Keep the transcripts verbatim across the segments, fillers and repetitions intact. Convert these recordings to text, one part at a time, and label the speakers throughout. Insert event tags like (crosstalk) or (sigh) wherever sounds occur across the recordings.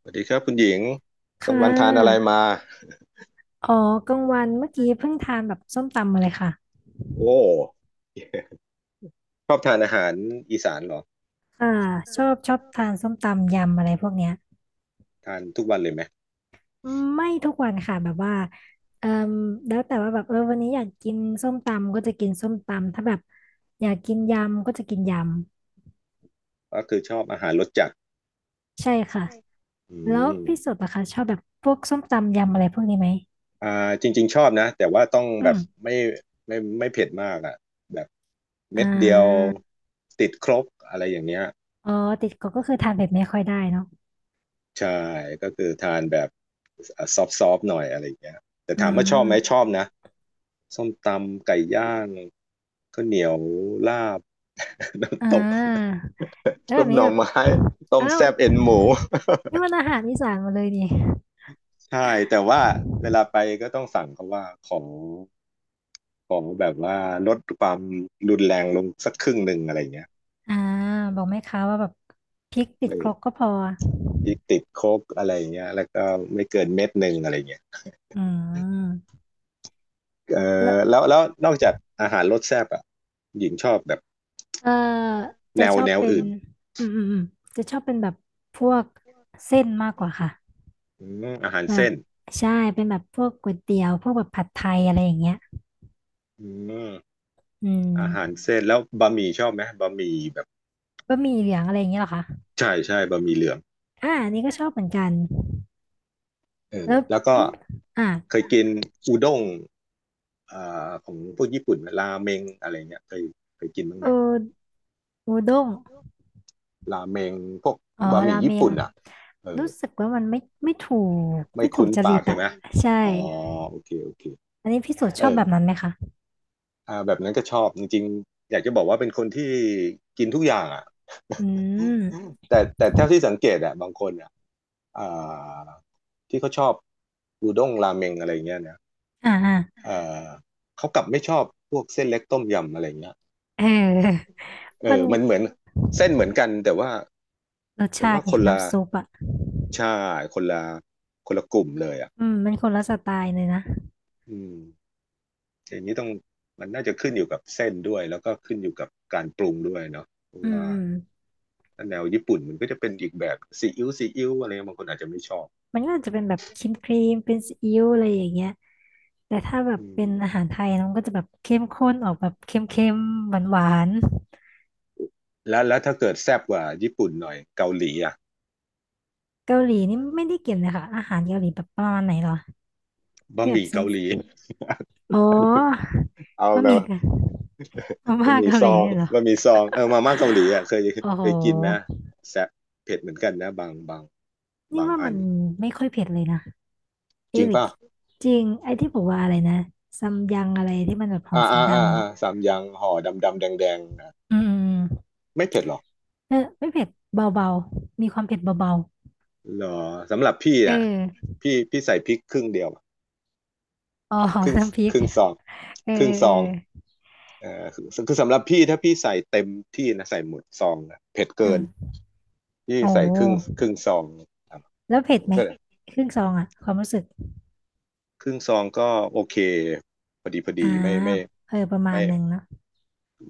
Speaker 1: สวัสดีครับคุณหญิงกลา
Speaker 2: ค่
Speaker 1: งวันทานอะไร
Speaker 2: ะ
Speaker 1: มา
Speaker 2: อ๋อกลางวันเมื่อกี้เพิ่งทานแบบส้มตำมาเลยค่ะ
Speaker 1: โอ้ชอบทานอาหารอีสานเหรอ
Speaker 2: อ่าชอบชอบทานส้มตำยำอะไรพวกเนี้ย
Speaker 1: ทานทุกวันเลยไหม
Speaker 2: ไม่ทุกวันค่ะแบบว่าเอ่อแล้วแต่ว่าแบบเออวันนี้อยากกินส้มตำก็จะกินส้มตำถ้าแบบอยากกินยำก็จะกินย
Speaker 1: ก็คือชอบอาหารรสจัด
Speaker 2: ำใช่ค่ะ
Speaker 1: อื
Speaker 2: แล้ว
Speaker 1: ม
Speaker 2: พี่สุดอะคะชอบแบบพวกส้มตำยำอะไรพวกนี้ไหม
Speaker 1: อ่าจริงๆชอบนะแต่ว่าต้อง
Speaker 2: อื
Speaker 1: แบบ
Speaker 2: ม
Speaker 1: ไม่ไม่ไม่เผ็ดมากอ่ะแบบเม็
Speaker 2: อ่
Speaker 1: ดเดียว
Speaker 2: า
Speaker 1: ติดครกอะไรอย่างเงี้ย
Speaker 2: อ๋อติดก็ก็คือทานเผ็ดไม่ค่อยได้เนาะ
Speaker 1: ใช่ก็คือทานแบบซอฟซอฟหน่อยอะไรอย่างเงี้ยแต่
Speaker 2: อื
Speaker 1: ถามว่าชอบไหมช
Speaker 2: ม
Speaker 1: อบนะส้มตำไก่ย่างข้าวเหนียวลาบ (laughs)
Speaker 2: อ่
Speaker 1: น้ำตก
Speaker 2: าแล้ว
Speaker 1: ซุ
Speaker 2: แบ
Speaker 1: ป
Speaker 2: บ
Speaker 1: ห
Speaker 2: นี้
Speaker 1: น่อ
Speaker 2: แบบ
Speaker 1: ไม้ต้ม
Speaker 2: อ้าว
Speaker 1: แซ่บเอ็นหมู (laughs)
Speaker 2: นี่มันอาหารอีสานหมาเลยนี่
Speaker 1: ใช่แต่ว่าเวลาไปก็ต้องสั่งเขาว่าขอขอแบบว่าลดความรุนแรงลงสักครึ่งหนึ่งอะไรเงี้ย
Speaker 2: อ่าบอกแม่ค้าว่าแบบพริกติด
Speaker 1: ไม่
Speaker 2: ครกก็พอ
Speaker 1: พริกติดโคกอะไรเงี้ยแล้วก็ไม่เกินเม็ดหนึ่งอะไรเงี้ย
Speaker 2: อืม
Speaker 1: เอ
Speaker 2: แล้ว
Speaker 1: อแล้วแล้วนอกจากอาหารรสแซ่บอ่ะหญิงชอบแบบ
Speaker 2: เออ
Speaker 1: แน
Speaker 2: จะ
Speaker 1: ว
Speaker 2: ชอ
Speaker 1: แน
Speaker 2: บ
Speaker 1: ว
Speaker 2: เป็น
Speaker 1: อื่น
Speaker 2: อืมอืมอืมจะชอบเป็นแบบพวกเส้นมากกว่าค่ะ
Speaker 1: อืมอาหาร
Speaker 2: แบบ
Speaker 1: เส้น
Speaker 2: ใช่เป็นแบบพวกก๋วยเตี๋ยวพวกแบบผัดไทยอะไรอย่างเงี้ย
Speaker 1: อืม
Speaker 2: อื
Speaker 1: อาหาร
Speaker 2: ม
Speaker 1: เส้นแล้วบะหมี่ชอบไหมบะหมี่แบบ
Speaker 2: บะหมี่เหลืองอะไรอย่างเงี้ยเหรอคะ
Speaker 1: ใช่ใช่บะหมี่เหลือง
Speaker 2: อ่าอันนี่ก็ชอบเหมือนกัน
Speaker 1: เออ
Speaker 2: แล้ว
Speaker 1: แล้วก็
Speaker 2: พี่อ่า
Speaker 1: เคยกินอูด้งอ่าของพวกญี่ปุ่นราเมงอะไรเงี้ยเคยเคยกินบ้างไห
Speaker 2: โอ
Speaker 1: ม
Speaker 2: อูด้ง
Speaker 1: ราเมงพวก
Speaker 2: อ๋อ
Speaker 1: บะหมี่
Speaker 2: ราเม
Speaker 1: ญี่
Speaker 2: ง
Speaker 1: ปุ่นอ่ะเออ
Speaker 2: รู้สึกว่ามันไม่ไม่ถูก
Speaker 1: ไม่
Speaker 2: ไม่ถู
Speaker 1: คุ้
Speaker 2: ก
Speaker 1: น
Speaker 2: จริ
Speaker 1: ปาก
Speaker 2: ต
Speaker 1: ใช่
Speaker 2: อะ
Speaker 1: ไหม
Speaker 2: ใช่
Speaker 1: อ๋อโอเคโอเค
Speaker 2: อันนี้พี่สุช
Speaker 1: เอ
Speaker 2: อบ
Speaker 1: อ
Speaker 2: แบบนั้นไหมคะ
Speaker 1: อ่าแบบนั้นก็ชอบจริงๆอยากจะบอกว่าเป็นคนที่กินทุกอย่างอ่ะ
Speaker 2: อืม
Speaker 1: แต่แต่เท่าที่สังเกตอ่ะบางคนอ่ะอ่าที่เขาชอบอูด้งราเมงอะไรเงี้ยนะ
Speaker 2: อ่าอ่า
Speaker 1: เออเขากลับไม่ชอบพวกเส้นเล็กต้มยำอะไรเงี้ย
Speaker 2: เออ
Speaker 1: เอ
Speaker 2: มั
Speaker 1: อ
Speaker 2: น
Speaker 1: มันเหมือนเส้นเหมือนกันแต่ว่า
Speaker 2: รส
Speaker 1: แต่
Speaker 2: ชา
Speaker 1: ว่า
Speaker 2: ติ
Speaker 1: ค
Speaker 2: ไง
Speaker 1: นละ
Speaker 2: น้ำซุปอะ
Speaker 1: ใช่คนละคนละกลุ่มเลยอ่ะ
Speaker 2: อืมมันคนละสไตล์เลยนะ
Speaker 1: อืมอย่างนี้ต้องมันน่าจะขึ้นอยู่กับเส้นด้วยแล้วก็ขึ้นอยู่กับการปรุงด้วยเนาะเพราะ
Speaker 2: อืม
Speaker 1: ว่า
Speaker 2: อืม
Speaker 1: ถ้าแนวญี่ปุ่นมันก็จะเป็นอีกแบบซีอิ๊วซีอิ๊วอะไรเงี้ยบางคนอาจจะไม่ชอบ
Speaker 2: มันก็อาจจะเป็นแบบครีมครีมเป็นซีอิ๊วอะไรอย่างเงี้ยแต่ถ้าแบบ
Speaker 1: อื
Speaker 2: เป็
Speaker 1: ม
Speaker 2: นอาหารไทยนะมันก็จะแบบเข้มข้นออกแบบเค็มๆหวาน
Speaker 1: แล้วแล้วถ้าเกิดแซ่บกว่าญี่ปุ่นหน่อยเกาหลีอ่ะ
Speaker 2: ๆเกาหลีนี่ไม่ได้กินเลยค่ะอาหารเกาหลีแบบประมาณไหนเหรอ
Speaker 1: บะ
Speaker 2: ที่
Speaker 1: ห
Speaker 2: แบบ
Speaker 1: มี่
Speaker 2: เส้
Speaker 1: เกา
Speaker 2: น
Speaker 1: หลี
Speaker 2: อ๋อ
Speaker 1: เอา
Speaker 2: บะ
Speaker 1: แบ
Speaker 2: ห
Speaker 1: บ
Speaker 2: มี่กันมา
Speaker 1: บะ
Speaker 2: ม่า
Speaker 1: หมี่
Speaker 2: เกา
Speaker 1: ซ
Speaker 2: หลี
Speaker 1: อง
Speaker 2: เนี่ยเหรอ
Speaker 1: บะหมี่ซองเออมาม่าเกาหลีอ่ะเคย
Speaker 2: โอ้โห
Speaker 1: เคยกินไหมแซ่บเผ็ดเหมือนกันนะบางบาง
Speaker 2: นี่
Speaker 1: บาง
Speaker 2: ว่า
Speaker 1: อั
Speaker 2: มั
Speaker 1: น
Speaker 2: นไม่ค่อยเผ็ดเลยนะ
Speaker 1: จริ
Speaker 2: เอ๊ะ
Speaker 1: ง
Speaker 2: หรือ
Speaker 1: ป่ะ
Speaker 2: จริงไอ้ที่บอกว่าอะไรนะซัมยังอะไรที่มันแบบห่อ
Speaker 1: อ่า
Speaker 2: สี
Speaker 1: อ่าอ่า
Speaker 2: ดำ
Speaker 1: อ่า
Speaker 2: อ่ะ
Speaker 1: สามอยังห่อดำดำแดงแดงๆนะ
Speaker 2: อืมอืม
Speaker 1: ไม่เผ็ดหรอก
Speaker 2: เออไม่เผ็ดเบาๆ มีความเผ็ดเบา
Speaker 1: เหรอสำหรับพี่
Speaker 2: ๆเอ
Speaker 1: น่ะ
Speaker 2: อ
Speaker 1: พี่พี่ใส่พริกครึ่งเดียวอะ
Speaker 2: อ๋อ
Speaker 1: ครึ่ง
Speaker 2: น้ำพริ
Speaker 1: ค
Speaker 2: ก
Speaker 1: รึ่งซอง
Speaker 2: เออ
Speaker 1: ครึ่งซ
Speaker 2: เออ
Speaker 1: อง
Speaker 2: เออ
Speaker 1: เอ่อคือคือสำหรับพี่ถ้าพี่ใส่เต็มที่นะใส่หมดซองนะเผ็ด
Speaker 2: อื
Speaker 1: เกิน
Speaker 2: ม
Speaker 1: พี่
Speaker 2: โอ้
Speaker 1: ใส่
Speaker 2: โห
Speaker 1: ครึ่งครึ่งซองครับ
Speaker 2: แล้วเผ็ด
Speaker 1: ผม
Speaker 2: ไหม
Speaker 1: ใส่
Speaker 2: ครึ่งซองอ่ะความรู้สึก
Speaker 1: ครึ่งซองก็โอเคพอดีพอ
Speaker 2: อ่า
Speaker 1: ดีไม่ไม่
Speaker 2: เออประมา
Speaker 1: ไม่
Speaker 2: ณหนึ่งเนอะ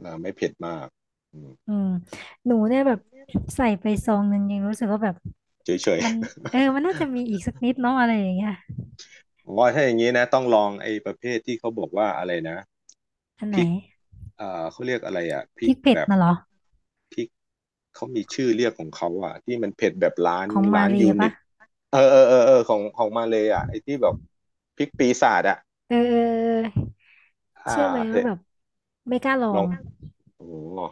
Speaker 1: เอ่อไม่เผ็ดมากอืม
Speaker 2: อืมหนูเนี่ยแบบใส่ไปซองหนึ่งยังรู้สึกว่าแบบ
Speaker 1: เฉย
Speaker 2: มันเออมันน่าจะมีอีกสักนิดเนาะอะไรอย่างเงี้ย
Speaker 1: ๆผมว่าถ้าอย่างนี้นะต้องลองไอ้ประเภทที่เขาบอกว่าอะไรนะ
Speaker 2: อัน
Speaker 1: พ
Speaker 2: ไหน
Speaker 1: ริกอ่าเขาเรียกอะไรอ่ะพ
Speaker 2: พ
Speaker 1: ริก
Speaker 2: ริกเผ็
Speaker 1: แบ
Speaker 2: ด
Speaker 1: บ
Speaker 2: น่ะเหรอ
Speaker 1: พริกเขามีชื่อเรียกของเขาอ่ะที่มันเผ็ดแบบล้าน
Speaker 2: ของมา
Speaker 1: ล้าน
Speaker 2: เรีย
Speaker 1: ยูนิ
Speaker 2: ปะ
Speaker 1: ตเออเออเออเออของของมาเลยอ่ะไอ้ที่แบบพริกปีศาจอ่ะ
Speaker 2: เออเออเออ
Speaker 1: อ่า
Speaker 2: เชื่อไหม
Speaker 1: เห็
Speaker 2: ว่า
Speaker 1: น
Speaker 2: แบบไม่กล้าลอ
Speaker 1: ลอง
Speaker 2: ง
Speaker 1: โอ้โอ้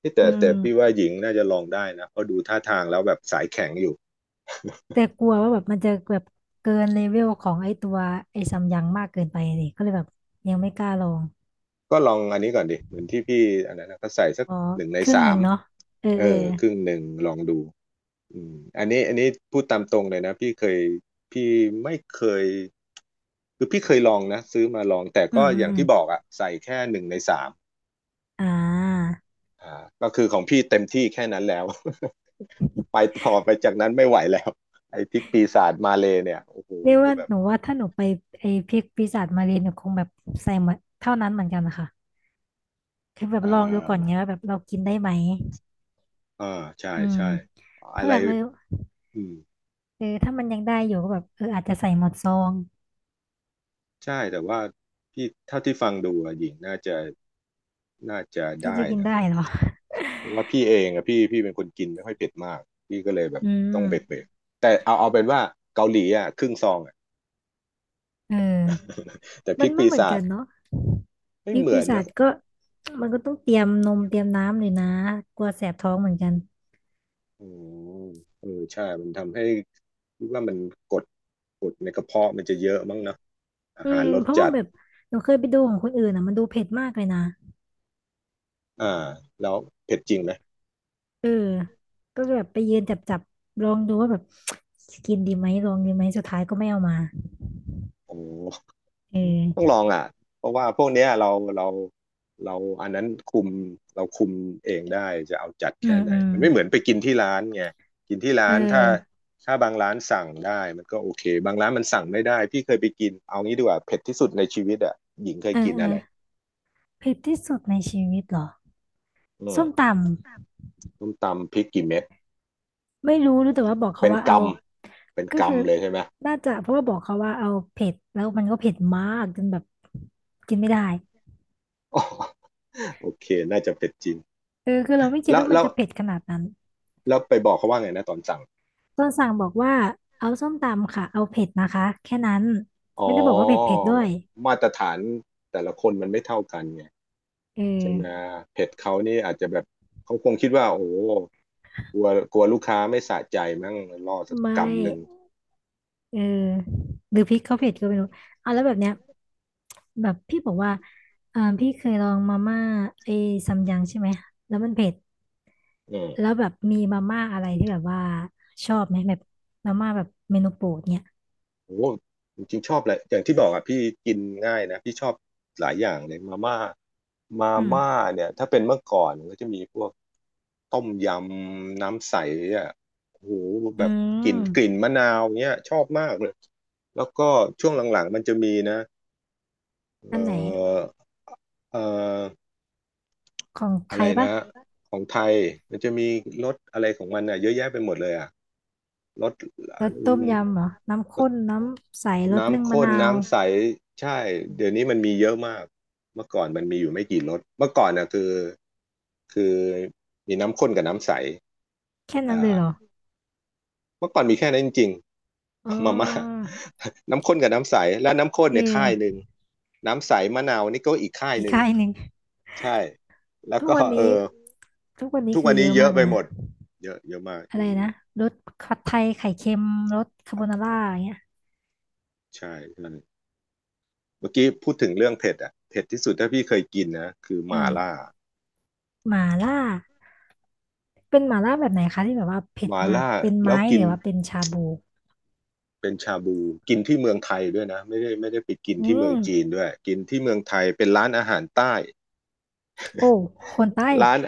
Speaker 1: ที่
Speaker 2: อื
Speaker 1: แต่แต่พี่
Speaker 2: ม
Speaker 1: ว่าหญิงน่าจะลองได้นะเพราะดูท่าทางแล้วแบบสายแข็งอยู่
Speaker 2: แต่กลัวว่าแบบมันจะแบบเกินเลเวลของไอ้ตัวไอ้ซัมยังมากเกินไปเลยก็เลยแบบยังไม่กล้าลอง
Speaker 1: ก็ลองอันนี้ก่อนดิเหมือนที่พี่อันนั้นนะก็ใส่สัก
Speaker 2: อ๋อ
Speaker 1: หนึ่งใน
Speaker 2: ครึ่งห
Speaker 1: สา
Speaker 2: นึ่ง
Speaker 1: ม
Speaker 2: เนาะเออ
Speaker 1: เอ
Speaker 2: เออ
Speaker 1: อครึ่งหนึ่งลองดู อืมอันนี้อันนี้พูดตามตรงเลยนะพี่เคยพี่ไม่เคยคือพี่เคยลองนะซื้อมาลองแต่
Speaker 2: อื
Speaker 1: ก็
Speaker 2: มอื
Speaker 1: อ
Speaker 2: ม
Speaker 1: ย่าง
Speaker 2: อืม
Speaker 1: ที่บอกอะใส่แค่หนึ่งในสาม
Speaker 2: อ่า
Speaker 1: อ่าก็คือของพี่เต็มที่แค่นั้นแล้ว (laughs) ไปต่อไปจากนั้นไม่ไหวแล้วไอ้พริกปีศาจมาเลยเนี่ยโอ้โห
Speaker 2: เรียกว่า
Speaker 1: แบบ
Speaker 2: หนูว่าถ้าหนูไปไอ้พริกปีศาจมาเรียนหนูคงแบบใส่หมดเท่านั้นเหมือนกันนะคะคือแบบ
Speaker 1: อ่
Speaker 2: ลองดูก่อน
Speaker 1: า
Speaker 2: เนี้ยว่าแบบเรากินได้ไหม
Speaker 1: อ่าใช่
Speaker 2: อืม
Speaker 1: ใช่อะ
Speaker 2: ถ้า
Speaker 1: ไร
Speaker 2: แบบเออ
Speaker 1: อืม
Speaker 2: เออถ้ามันยังได้อยู่ก็แบบเอออาจจะใส่หมดซอง
Speaker 1: ใช่แต่ว่าพี่เท่าที่ฟังดูอะหญิงน่าจะน่าจะ
Speaker 2: น่า
Speaker 1: ได้
Speaker 2: จะกิน
Speaker 1: นะ
Speaker 2: ได้เหรอ
Speaker 1: เพราะว่าพี่เองอะพี่พี่เป็นคนกินไม่ค่อยเผ็ดมากพี่ก็เลยแบบ
Speaker 2: อื
Speaker 1: ต้องเบ็ด
Speaker 2: ม
Speaker 1: เบ็ดแต่เอาเอาเป็นว่าเกาหลีอะครึ่งซองอะ
Speaker 2: เออ
Speaker 1: (laughs) แต่พ
Speaker 2: มั
Speaker 1: ริ
Speaker 2: น
Speaker 1: ก
Speaker 2: ไม่
Speaker 1: ปี
Speaker 2: เหมือน
Speaker 1: ศาจ
Speaker 2: กันเนาะ
Speaker 1: ไม่
Speaker 2: พริก
Speaker 1: เหมือ
Speaker 2: ปี
Speaker 1: น
Speaker 2: ศา
Speaker 1: นะ
Speaker 2: จก็มันก็ต้องเตรียมนมเตรียมน้ำเลยนะกลัวแสบท้องเหมือนกัน
Speaker 1: อืมเออใช่มันทำให้คิดว่ามันกดกดในกระเพาะมันจะเยอะมั้งเนอะอา
Speaker 2: อื
Speaker 1: หาร
Speaker 2: ม
Speaker 1: รส
Speaker 2: เพราะว่า
Speaker 1: จัด
Speaker 2: แบบหนูเคยไปดูของคนอื่นอ่ะมันดูเผ็ดมากเลยนะ
Speaker 1: อ่าแล้วเผ็ดจริงไหม
Speaker 2: เออก็แบบไปยืนจับจับลองดูว่าแบบ (tsk) กินดีไหมลองดีไหมสุดท้ายก็ไม่เอามา
Speaker 1: โอ้
Speaker 2: เอ
Speaker 1: ต้องล
Speaker 2: อ
Speaker 1: องอ่ะเพราะว่าพวกเนี้ยเราเราเราอันนั้นคุมเราคุมเองได้จะเอาจัด
Speaker 2: อื
Speaker 1: แค่
Speaker 2: ม
Speaker 1: ไหน
Speaker 2: อืม
Speaker 1: มันไม่เหมือนไปกินที่ร้านไงกินที่ร้า
Speaker 2: เอ
Speaker 1: นถ้า
Speaker 2: อ
Speaker 1: ถ้าบางร้านสั่งได้มันก็โอเคบางร้านมันสั่งไม่ได้พี่เคยไปกินเอางี้ดีกว่าเผ็ดที่สุดในชีวิตอ่ะหญิงเค
Speaker 2: เอ
Speaker 1: ย
Speaker 2: อ
Speaker 1: กิน
Speaker 2: เออ
Speaker 1: อะไร
Speaker 2: เผ็ดที่สุดในชีวิตเหรอ
Speaker 1: อืม
Speaker 2: ส้มต
Speaker 1: ต้มตำพริกกี่เม็ด
Speaker 2: ำไม่รู้รู้แต่ว่าบอกเขา
Speaker 1: เป็น
Speaker 2: ว่า
Speaker 1: ก
Speaker 2: เอา
Speaker 1: ำเป็น
Speaker 2: ก็คือ
Speaker 1: กำเลยใช่ไหม
Speaker 2: น่าจะเพราะว่าบอกเขาว่าเอาเผ็ดแล้วมันก็เผ็ดมากจนแบบกินไม่ได้
Speaker 1: อ๋อ (laughs) โอเคน่าจะเผ็ดจริง
Speaker 2: เออคือเราไม่คิด
Speaker 1: แล้ว
Speaker 2: ว่ามัน
Speaker 1: แล้ว
Speaker 2: จะเผ็ดขนาดนั้น
Speaker 1: แล้วไปบอกเขาว่าไงนะตอนสั่ง
Speaker 2: ต้นสั่งบอกว่าเอาส้มตำค่ะเอาเผ็ดนะคะแค่นั้น
Speaker 1: อ๋อ
Speaker 2: ไม่ได้บอกว่าเผ็ดเผ็ดด้วย
Speaker 1: มาตรฐานแต่ละคนมันไม่เท่ากันไง
Speaker 2: เออ
Speaker 1: ใช่ไหมเผ็ดเขานี่อาจจะแบบเขาคงคิดว่าโอ้โหกลัวกลัวลูกค้าไม่สะใจมั้งล่อสัก
Speaker 2: ไม่
Speaker 1: กำหนึ่ง
Speaker 2: เออหรือพริกเขาเผ็ดก็ไม่รู้อ่ะแล้วแบบเนี้ยแบบพี่บอกว่าอ่าพี่เคยลองมาม่าไอ้ซัมยังใช่ไหมแล้วมันเผ็ด
Speaker 1: อื
Speaker 2: แล้ว
Speaker 1: ม
Speaker 2: แบบมีมาม่าอะไรที่แบบว่าชอบไหมแบบมาม่าแบบเมนูโปรดเนี่ย
Speaker 1: โอ้โหจริงๆชอบแหละอย่างที่บอกอ่ะพี่กินง่ายนะพี่ชอบหลายอย่างเลยมาม่ามา
Speaker 2: อืม
Speaker 1: ม่าเนี่ยถ้าเป็นเมื่อก่อนนก็จะมีพวกต้มยำน้ำใสอ่ะโอ้โหแบ
Speaker 2: อื
Speaker 1: บกลิ่นกลิ่น
Speaker 2: ม
Speaker 1: มะนาวเนี้ยชอบมากเลยแล้วก็ช่วงหลังๆมันจะมีนะ
Speaker 2: อั
Speaker 1: เอ่
Speaker 2: นไหน
Speaker 1: อเอ่อ
Speaker 2: ของ
Speaker 1: อะ
Speaker 2: ไท
Speaker 1: ไร
Speaker 2: ยปะ
Speaker 1: นะ ของไทย มันจะมีรสอะไรของมันอ่ะเยอะแยะไปหมดเลยอ่ะรส
Speaker 2: รส
Speaker 1: อื
Speaker 2: ต้ม
Speaker 1: ม
Speaker 2: ยำเหรอน้ำ
Speaker 1: ร
Speaker 2: ข้
Speaker 1: ส
Speaker 2: นน้ำใสรสนึ่ง
Speaker 1: น้ำ
Speaker 2: มะ
Speaker 1: ข้น
Speaker 2: นาว
Speaker 1: น้ำใสใช่ เดี๋ยวนี้มันมีเยอะมากเมื่อก่อนมันมีอยู่ไม่กี่รสเมื่อก่อนน่ะคือ คือมีน้ำข้นกับน้ำใส
Speaker 2: แค่นั้
Speaker 1: อ่า
Speaker 2: นเลยเหรอ
Speaker 1: เมื่อก่อนมีแค่นั้นจริง (laughs)
Speaker 2: อ๋อ
Speaker 1: ๆมาม่า (laughs) น้ำข้นกับน้ำใส และน้ำข้น
Speaker 2: เอ
Speaker 1: เนี่ย
Speaker 2: อ
Speaker 1: ค่ายหนึ่ง น้ำใสมะนาวนี่ก็อีกค่าย
Speaker 2: อี
Speaker 1: ห
Speaker 2: ก (laughs)
Speaker 1: นึ่ง
Speaker 2: ค่ายหนึ่ง
Speaker 1: ใช่ แล้ว
Speaker 2: ทุก
Speaker 1: ก็
Speaker 2: วัน
Speaker 1: เอ
Speaker 2: นี้
Speaker 1: อ
Speaker 2: ทุกวันนี้
Speaker 1: ทุก
Speaker 2: คื
Speaker 1: วั
Speaker 2: อ
Speaker 1: น
Speaker 2: เย
Speaker 1: นี้
Speaker 2: อะ
Speaker 1: เย
Speaker 2: มา
Speaker 1: อะ
Speaker 2: ก
Speaker 1: ไป
Speaker 2: เลย
Speaker 1: หม
Speaker 2: นะ
Speaker 1: ดเยอะเยอะมาก
Speaker 2: อะ
Speaker 1: เย
Speaker 2: ไร
Speaker 1: อะมา
Speaker 2: นะ
Speaker 1: ก
Speaker 2: รสผัดไทยไข่เค็มรสคาโบ
Speaker 1: ผัด
Speaker 2: นา
Speaker 1: ไท
Speaker 2: ร่า
Speaker 1: ย
Speaker 2: อย่างเงี้ย
Speaker 1: ใช่ใช่เมื่อกี้พูดถึงเรื่องเผ็ดอ่ะเผ็ดที่สุดถ้าพี่เคยกินนะคือห
Speaker 2: อื
Speaker 1: ม่า
Speaker 2: ม
Speaker 1: ล่า
Speaker 2: หมาล่าเป็นหมาล่าแบบไหนคะที่แบบว่าเผ็
Speaker 1: ห
Speaker 2: ด
Speaker 1: ม่า
Speaker 2: มาก
Speaker 1: ล่า
Speaker 2: เป็น
Speaker 1: แล้ว
Speaker 2: ไม้
Speaker 1: กิ
Speaker 2: หรื
Speaker 1: น
Speaker 2: อว่าเป็นชาบู
Speaker 1: เป็นชาบูกินที่เมืองไทยด้วยนะไม่ได้ไม่ได้ไปกิน
Speaker 2: อื
Speaker 1: ที่เมืองจีน
Speaker 2: ม
Speaker 1: ด้วยกินที่เมืองไทยเป็นร้านอาหารใต้
Speaker 2: โอ้คนใต้
Speaker 1: ร้าน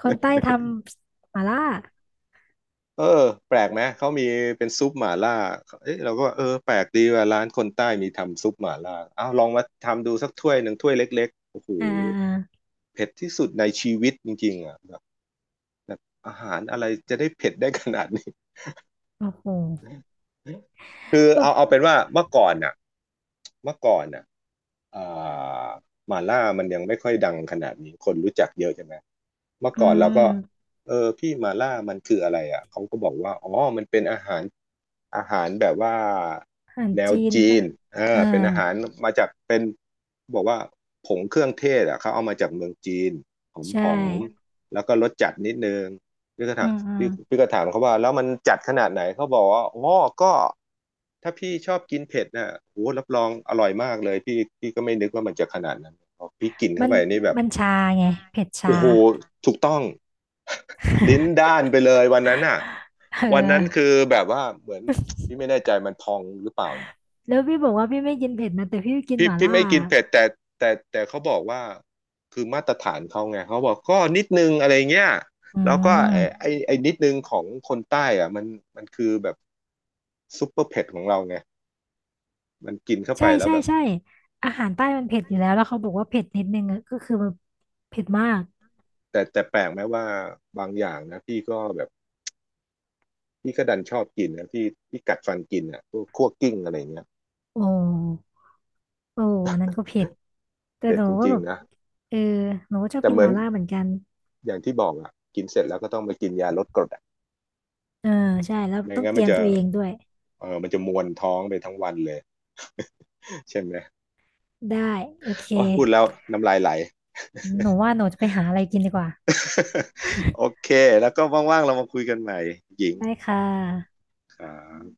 Speaker 2: คนใต้ทำหมาล่า
Speaker 1: เออแปลกไหมเขามีเป็นซุปหม่าล่าเอ๊ะเราก็ว่าเออแปลกดีว่าร้านคนใต้มีทำซุปหม่าล่าเอาลองมาทำดูสักถ้วยหนึ่งถ้วยเล็กๆโอ้โห
Speaker 2: อ่า
Speaker 1: เผ็ดที่สุดในชีวิตจริงๆอ่ะ อาหารอะไรจะได้เผ็ดได้ขนาดนี้
Speaker 2: โอ้โห
Speaker 1: (laughs) คือ
Speaker 2: แบบ
Speaker 1: เอาเอาเป็นว่าเมื่อก่อนน่ะเมื่อก่อนน่ะอ่าหม่าล่ามันยังไม่ค่อยดังขนาดนี้คนรู้จักเยอะใช่ไหมเมื่อ
Speaker 2: อื
Speaker 1: ก่อนเราก็
Speaker 2: ม
Speaker 1: เออพี่หม่าล่ามันคืออะไรอ่ะเขาก็บอกว่าอ๋อมันเป็นอาหารอาหารแบบว่า
Speaker 2: อาหาร
Speaker 1: แนว
Speaker 2: จีน
Speaker 1: จี
Speaker 2: ปะ
Speaker 1: นเออ
Speaker 2: อ่า
Speaker 1: เป็นอาหารมาจากเป็นบอกว่าผงเครื่องเทศอ่ะเขาเอามาจากเมืองจีนหอม
Speaker 2: ใช่
Speaker 1: หอมแล้วก็รสจัดนิดนึง พี่ก็
Speaker 2: อื
Speaker 1: ถาม
Speaker 2: มอืม
Speaker 1: พี่พี่ก็ถามเขาว่าแล้วมันจัดขนาดไหนเขาบอกว่าอ๋อก็ถ้าพี่ชอบกินเผ็ดน่ะโหรับรองอร่อยมากเลยพี่พี่ก็ไม่นึกว่ามันจะขนาดนั้นพอพี่กิน
Speaker 2: มั
Speaker 1: เข้า
Speaker 2: น
Speaker 1: ไปนี่แบบ
Speaker 2: มันชาไงเผ็ดชา
Speaker 1: โอ้โหถูกต้อง (laughs) ลิ้นด้านไปเลยวันนั้นน่ะ
Speaker 2: เ
Speaker 1: วันนั้นคื
Speaker 2: ออ
Speaker 1: อแบบว่าเหมือนพี่ไม่แน่ใจมันพองหรือเปล่านะ
Speaker 2: แล้วพี่บอกว่าพี่ไม่กินเผ็ดนะแต่พี่กินห
Speaker 1: พี่
Speaker 2: ม่า
Speaker 1: พี่
Speaker 2: ล่า
Speaker 1: ไม่กินเผ็ดแต่แต่แต่เขาบอกว่าคือมาตรฐานเขาไงเขาบอกก็นิดนึงอะไรเงี้ย
Speaker 2: อื
Speaker 1: แล้วก็ไอไอ
Speaker 2: ม
Speaker 1: ไอนิดนึงของคนใต้อ่ะมันมันคือแบบซุปเปอร์เผ็ดของเราไงมันกินเข้าไป
Speaker 2: ใช่
Speaker 1: แล้ว
Speaker 2: ใช่
Speaker 1: แบบ
Speaker 2: ใช่อาหารใต้มันเผ็ดอยู่แล้วแล้วเขาบอกว่าเผ็ดนิดนึงอะก็คือแบบเผ็ดมาก
Speaker 1: แต่แต่แปลกไหมว่าบางอย่างนะพี่ก็แบบพี่ก็ดันชอบกินนะพี่พี่กัดฟันกินอ่ะพวกคั่วกลิ้งอะไรเงี้ย
Speaker 2: โอ้โอ้อันนั้นก็เผ็ดแต่
Speaker 1: เผ็
Speaker 2: ห
Speaker 1: ด
Speaker 2: นู
Speaker 1: จ
Speaker 2: ก็
Speaker 1: ริ
Speaker 2: แบ
Speaker 1: ง
Speaker 2: บ
Speaker 1: ๆนะ
Speaker 2: เออหนูก็ชอบ
Speaker 1: แต่
Speaker 2: กิน
Speaker 1: เห
Speaker 2: ห
Speaker 1: มือน
Speaker 2: ม่าล่าเหมือนกัน
Speaker 1: อย่างที่บอกอ่ะกินเสร็จแล้วก็ต้องไปกินยาลดกรดอ่ะ
Speaker 2: เออใช่แล้ว
Speaker 1: ไม่
Speaker 2: ต้อง
Speaker 1: งั้น
Speaker 2: เต
Speaker 1: มั
Speaker 2: รี
Speaker 1: น
Speaker 2: ยม
Speaker 1: จะ
Speaker 2: ตัวเองด้วย
Speaker 1: เออมันจะมวนท้องไปทั้งวันเลย (laughs) ใช่ไหม
Speaker 2: ได้โอเค
Speaker 1: โอ้ยพูดแล้วน้ำลายไหล
Speaker 2: หนูว่าหนูจะไปหาอะไรกินดีกว่า
Speaker 1: (laughs) โอ
Speaker 2: (laughs)
Speaker 1: เคแล้วก็ว่างๆเรามาคุยกันใหม่หญิง
Speaker 2: ได้ค่ะ
Speaker 1: ครับ